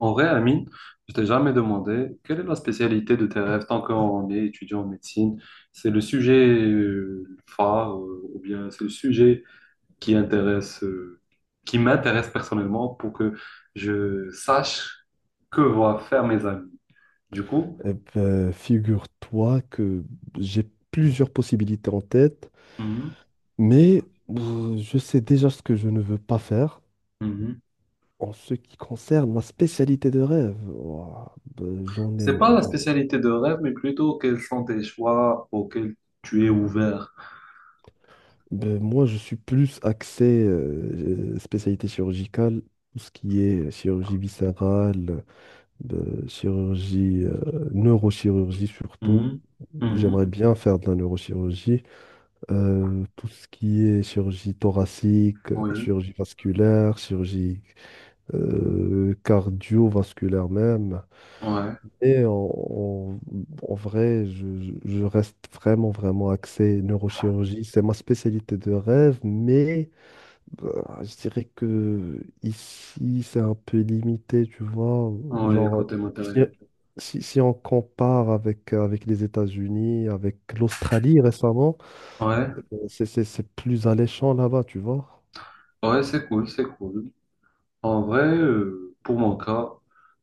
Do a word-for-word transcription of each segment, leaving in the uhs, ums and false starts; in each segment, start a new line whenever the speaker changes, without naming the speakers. En vrai, Amine, je t'ai jamais demandé quelle est la spécialité de tes rêves tant qu'on est étudiant en médecine. C'est le sujet euh, phare euh, ou bien c'est le sujet qui intéresse, euh, qui m'intéresse personnellement pour que je sache que vont faire mes amis. Du coup,
Eh ben, figure-toi que j'ai plusieurs possibilités en tête,
mhm,
mais euh, je sais déjà ce que je ne veux pas faire
mhm.
en ce qui concerne ma spécialité de rêve. Ouah, ben, j'en
C'est
ai,
pas la
j'en-
spécialité de rêve, mais plutôt quels sont tes choix auxquels tu es ouvert.
ben, moi, je suis plus axé euh, spécialité chirurgicale, tout ce qui est chirurgie viscérale, ben, chirurgie, euh, neurochirurgie surtout.
Mhm, mhm.
J'aimerais bien faire de la neurochirurgie. Euh, tout ce qui est chirurgie thoracique, euh,
Oui,
chirurgie vasculaire, chirurgie euh, cardiovasculaire même.
ouais,
Et en, en- En vrai, je, je- je reste vraiment, vraiment axé neurochirurgie. C'est ma spécialité de rêve, mais bah, je dirais que ici, c'est un peu limité, tu vois.
ouais,
Genre,
côté
si,
matériel.
si- si on compare avec, avec les États-Unis, avec l'Australie récemment,
Ouais,
c'est c'est- c'est plus alléchant là-bas, tu vois.
ouais, c'est cool, c'est cool. En vrai, euh, pour mon cas,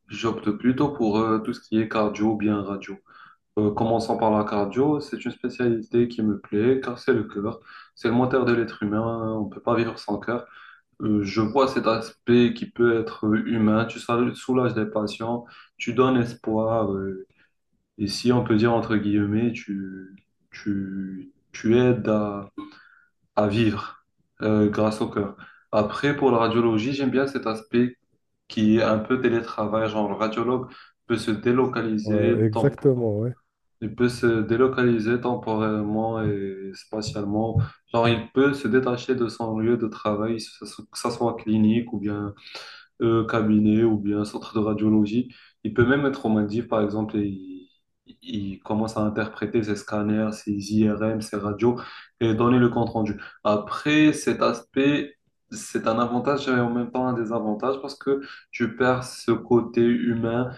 j'opte plutôt pour euh, tout ce qui est cardio ou bien radio. Euh, commençons par la cardio, c'est une spécialité qui me plaît car c'est le cœur, c'est le moteur de l'être humain, on peut pas vivre sans cœur. Euh, je vois cet aspect qui peut être euh, humain, tu sal- soulages les patients, tu donnes espoir, euh, et si on peut dire entre guillemets, tu, tu, tu aides à, à vivre euh, grâce au cœur. Après, pour la radiologie, j'aime bien cet aspect qui est un peu télétravail, genre le radiologue peut se
Ouais,
délocaliser tempo-
exactement, ouais.
il peut se délocaliser temporairement et spatialement. Genre, il peut se détacher de son lieu de travail, que ce soit clinique ou bien euh, cabinet ou bien centre de radiologie. Il peut même être aux Maldives, par exemple, et il, il commence à interpréter ses scanners, ses I R M, ses radios et donner le compte rendu. Après, cet aspect, c'est un avantage et en même temps un désavantage parce que tu perds ce côté humain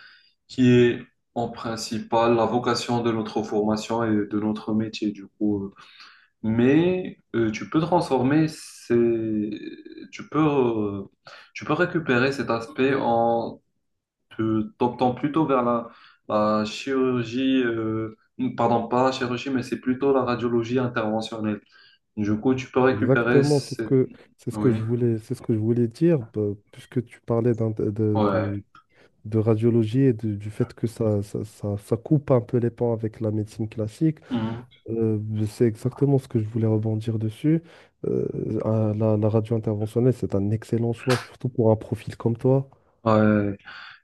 qui est en principal la vocation de notre formation et de notre métier. Du coup, euh, mais euh, tu peux transformer ces... tu peux, euh, tu peux récupérer cet aspect en te t'optant plutôt vers la, la chirurgie, euh, pardon, pas la chirurgie, mais c'est plutôt la radiologie interventionnelle. Du coup, tu peux récupérer
Exactement, c'est ce
cette...
que c'est ce
Oui,
que je voulais c'est ce que je voulais dire bah, puisque tu parlais d'un- de, de,
ouais.
de- de radiologie et de- du fait que ça, ça, ça, ça coupe un peu les pans avec la médecine classique.
Mhm.
euh, c'est exactement ce que je voulais rebondir dessus. Euh, ah, la, la radio interventionnelle, c'est un excellent choix, surtout pour un profil comme toi.
Ouais.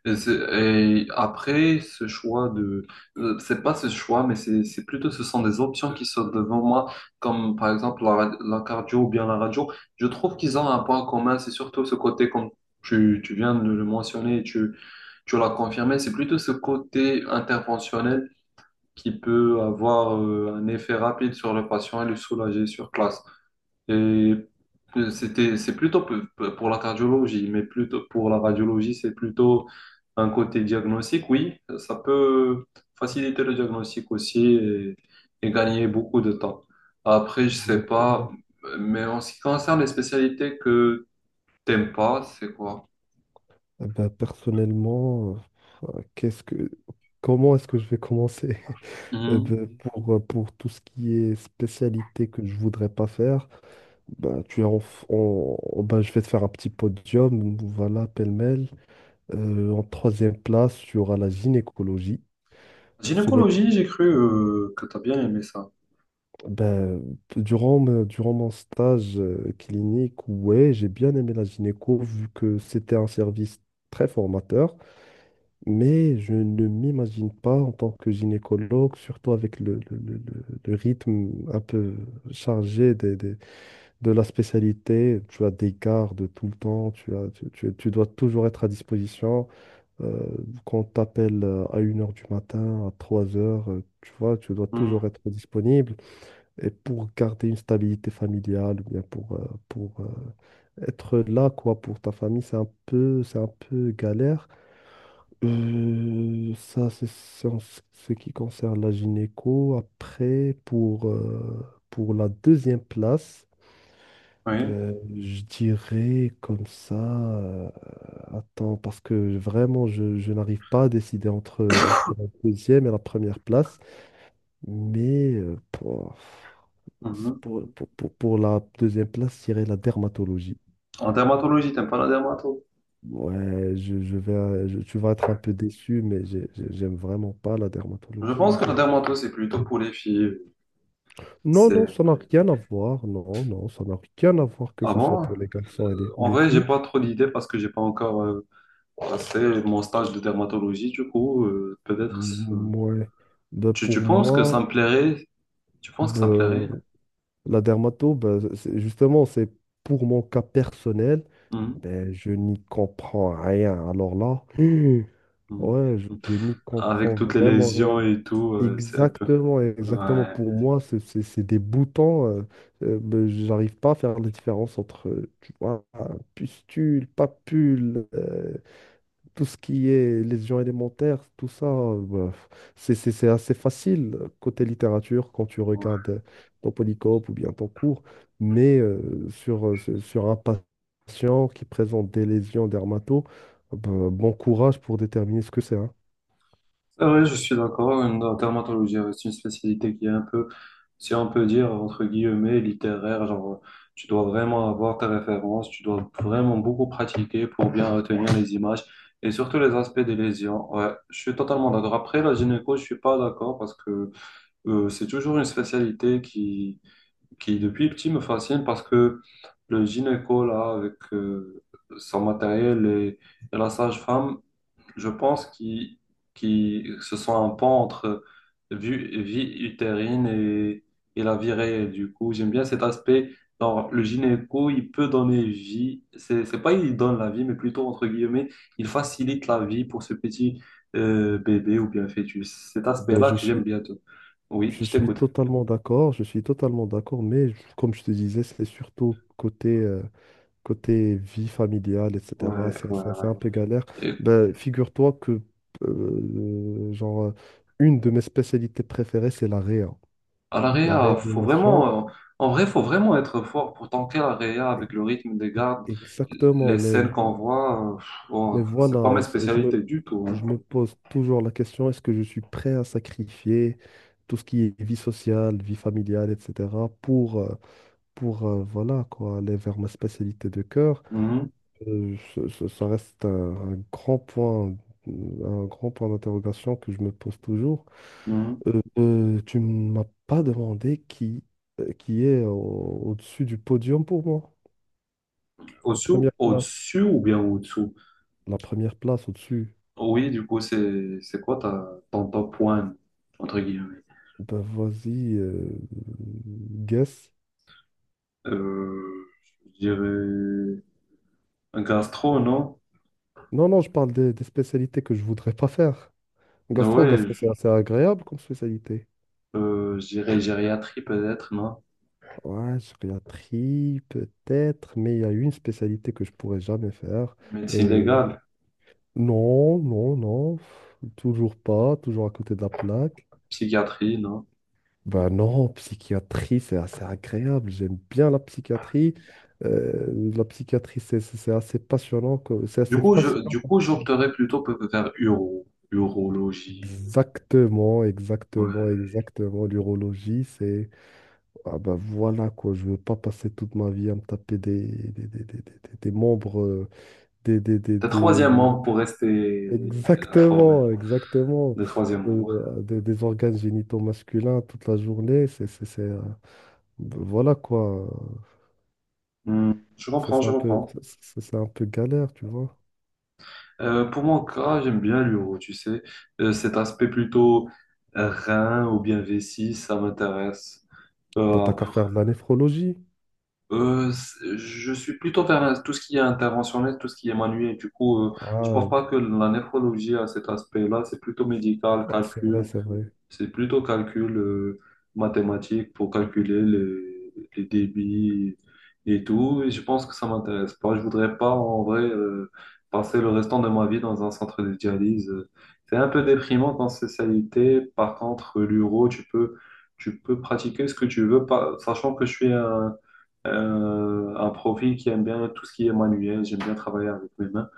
Et, c'est- et après, ce choix de, euh, c'est pas ce choix, mais c'est, c'est plutôt, ce sont des options qui sont devant moi, comme par exemple la, ra- la cardio ou bien la radio. Je trouve qu'ils ont un point commun, c'est surtout ce côté, comme tu, tu viens de le mentionner, et tu, tu l'as confirmé, c'est plutôt ce côté interventionnel qui peut avoir euh, un effet rapide sur le patient et le soulager sur place. Et euh, c'était, c'est plutôt p- p- pour la cardiologie, mais plutôt pour la radiologie, c'est plutôt un côté diagnostic, oui. Ça peut faciliter le diagnostic aussi et, et gagner beaucoup de temps. Après, je sais pas,
Exactement.
mais en ce qui concerne les spécialités que t'aimes pas, c'est quoi?
Eh ben, personnellement, euh, qu'est-ce que comment est-ce que je vais commencer? Euh,
Mhm.
ben, pour, euh, pour tout ce qui est spécialité que je voudrais pas faire, ben, tu es en, f- en- en- ben, je vais te faire un petit podium, voilà, pêle-mêle. Euh, en troisième place, tu auras la gynécologie. Ce n'est
Gynécologie, j'ai cru euh, que t'as bien aimé ça.
ben, durant, me- durant mon stage euh, clinique, ouais, j'ai bien aimé la gynéco vu que c'était un service très formateur, mais je ne m'imagine pas en tant que gynécologue, surtout avec le, le- le- le- le rythme un peu chargé des des- de la spécialité, tu as des gardes tout le temps, tu as, tu, tu- tu dois toujours être à disposition. Euh, quand on t'appelle euh, à une heure du matin, à trois heures, tu vois, tu dois
Mhm.
toujours être disponible. Et pour garder une stabilité familiale, ou bien pour, euh, pour euh, être là, quoi, pour ta famille, c'est un peu, c'est un peu galère. Euh, ça, c'est c'est en ce ce qui concerne la gynéco. Après, pour, euh, pour la deuxième place,
Oui.
ben, je dirais comme ça. Euh, attends, parce que vraiment, je, je n'arrive pas à décider entre, entre la deuxième et la première place. Mais euh, pour,
Mhm.
pour, pour- pour- pour la deuxième place, je dirais la dermatologie.
En dermatologie, t'aimes pas la dermato?
Ouais, je, je vais, euh, je- tu vas être un peu déçu, mais j'ai- j'ai- j'aime vraiment pas la
Je pense
dermatologie.
que la dermato, c'est plutôt pour les filles.
Non, non,
C'est...
ça n'a rien à voir. Non, non, ça n'a rien à voir que
Ah
ce soit
bon?
pour les garçons et les- ou
En
les
vrai, j'ai
filles.
pas trop d'idées parce que j'ai pas encore euh, passé mon stage de dermatologie. Du coup, euh, peut-être. ça-
M- Ouais. Ben,
Tu,
pour
tu penses que ça me
moi.
plairait? Tu penses que ça me
Ben,
plairait?
la dermato, ben, c'est- justement, c'est pour mon cas personnel,
Mhm.
ben, je n'y comprends rien. Alors là, hmm,
Mhm.
ouais, je, je n'y
Avec
comprends
toutes les
vraiment
lésions
rien.
et tout, euh, c'est un peu.
Exactement, exactement.
Ouais.
Pour moi, c'est c'est- c'est des boutons. Euh, euh, ben, j'arrive pas à faire la différence entre, euh, tu vois, un pustule, papule. Euh, tout ce qui est lésions élémentaires, tout ça, euh, bah, c'est c'est- c'est assez facile euh, côté littérature quand tu
Ouais.
regardes euh, ton polycope ou bien ton cours, mais euh, sur, euh, sur sur un patient qui présente des lésions dermato, bah, bon courage pour déterminer ce que c'est, hein.
C'est vrai, je suis d'accord. une- La dermatologie, euh, c'est une spécialité qui est un peu, si on peut dire, entre guillemets, littéraire. Genre, tu dois vraiment avoir tes références, tu dois vraiment beaucoup pratiquer pour bien retenir les images et surtout les aspects des lésions. Ouais, je suis totalement d'accord. Après, la gynéco, je suis pas d'accord parce que euh, c'est toujours une spécialité qui, qui, depuis petit, me fascine parce que le gynéco, là, avec euh, son matériel et, et la sage-femme, je pense qu'ils qui, se sont un pont entre vue vie utérine et, et la vie réelle. Du coup, j'aime bien cet aspect. Genre, le gynéco, il peut donner vie. C'est, c'est pas il donne la vie, mais plutôt, entre guillemets, il facilite la vie pour ce petit euh, bébé ou bien fœtus. Cet
Ben,
aspect-là
je
que j'aime
suis,
bien. Tout. Oui,
je
je
suis
t'écoute.
totalement d'accord, je suis totalement d'accord, mais je- comme je te disais, c'est surtout côté euh, côté vie familiale,
Ouais,
et cetera, c'est
ouais,
c'est- c'est
ouais.
un peu galère.
Et
Ben, figure-toi que, euh, genre, euh, une de mes spécialités préférées, c'est la réa.
à la
La
réa, faut
réanimation,
vraiment, euh, en vrai, faut vraiment être fort pour tanker la réa
e-
avec le rythme des gardes, les
exactement. Mais,
scènes
mais
qu'on voit. Euh, pff,
mais
bon, c'est pas ma
voilà, c'est- je me,
spécialité du tout. Hein.
je me pose toujours la question, est-ce que je suis prêt à sacrifier tout ce qui est vie sociale, vie familiale, et cetera, pour, euh, pour euh, voilà, quoi, aller vers ma spécialité de cœur?
Mhm,
Euh, ça, ça- ça reste un, un grand point, un grand point d'interrogation que je me pose toujours.
mhm.
Euh, euh, tu ne m'as pas demandé qui, euh, qui est au, dessus du podium pour moi. La
Au-dessous,
première place.
au-dessus ou bien au-dessous?
La première place au-dessus.
Oui, du coup, c'est c'est quoi ta, ton top one, entre guillemets?
Ben vas-y, euh, guess.
Euh, je dirais un gastro, non?
Non, non, je parle des, des spécialités que je voudrais pas faire. Gastro,
Ouais,
gastro,
je
c'est assez agréable comme spécialité.
euh, je dirais gériatrie peut-être, non?
Ouais, gériatrie, peut-être, mais il y a une spécialité que je pourrais jamais faire.
Médecine
Et
légale,
non, non, non, toujours pas, toujours à côté de la plaque.
psychiatrie, non?
Ben non, psychiatrie, c'est assez agréable, j'aime bien la psychiatrie. Euh, la psychiatrie, c'est c'est- c'est assez passionnant, que- c'est
Du
assez
coup, je,
fascinant
du
comme
coup,
ça.
j'opterais plutôt peut- peut-être vers uro, urologie.
Exactement, exactement,
Ouais.
exactement. L'urologie, c'est, ah ben voilà quoi, je veux pas passer toute ma vie à me taper des, des, des, des, des- des- des membres, euh, des, des, des,
Le troisième membre pour rester informé.
exactement, exactement.
Le troisième membre.
Euh, des, des organes génitaux masculins toute la journée, c'est, c'est, c'est, euh, voilà quoi.
Hmm, je
Ça,
comprends,
c'est
je
un peu,
comprends.
ça, c'est un peu galère, tu vois.
Euh, pour mon cas, j'aime bien l'uro, tu sais. Euh, cet aspect plutôt rein ou bien vessie, ça m'intéresse.
Bah,
Euh,
t'as qu'à
après,
faire de la néphrologie.
euh, c'est- je suis plutôt vers tout ce qui est interventionnel, tout ce qui est manuel. Du coup, euh, je pense
Ah,
pas que la néphrologie a cet aspect-là. C'est plutôt médical,
bah, c'est vrai,
calcul.
c'est vrai.
C'est plutôt calcul euh, mathématique pour calculer les, les débits et tout. Et je pense que ça m'intéresse pas. Je voudrais pas, en vrai, euh, passer le restant de ma vie dans un centre de dialyse. C'est un peu déprimant dans cette spécialité. Par contre, l'uro, tu peux, tu peux pratiquer ce que tu veux, pas- sachant que je suis un, un, un profil qui aime bien tout ce qui est manuel. J'aime bien travailler avec mes mains.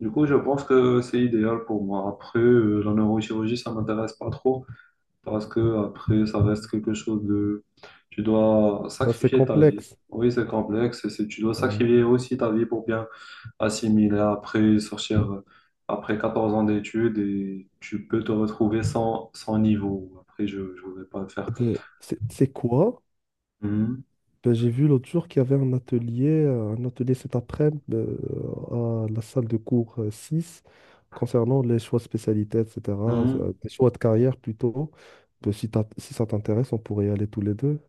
Du coup, je pense que c'est idéal pour moi. Après, euh, la neurochirurgie, ça m'intéresse pas trop. Parce que après, ça reste quelque chose de... Tu dois
Non, c'est
sacrifier ta vie.
complexe.
Oui, c'est complexe. C'est... Tu dois
Ouais.
sacrifier aussi ta vie pour bien assimiler après sortir euh, après quatorze ans d'études et tu peux te retrouver sans, sans niveau. Après, je ne voudrais pas le
Euh,
faire.
ben, c'est c'est quoi?
Mhm.
Ben, j'ai vu l'autre jour qu'il y avait un atelier, euh, un atelier cet après-midi euh, à la salle de cours euh, six concernant les choix de spécialité, et cetera
Mhm.
euh, Les choix de carrière plutôt. Ben, si t'as- si ça t'intéresse, on pourrait y aller tous les deux.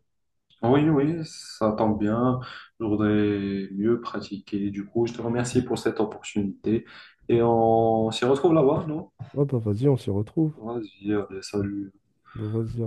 Oui, oui, ça tombe bien. Je voudrais mieux pratiquer. Du coup, je te remercie pour cette opportunité et on s'y retrouve là-bas, non?
Ouais, ben, vas-y, on s'y retrouve.
Vas-y, allez, salut.
Ben, vas-y.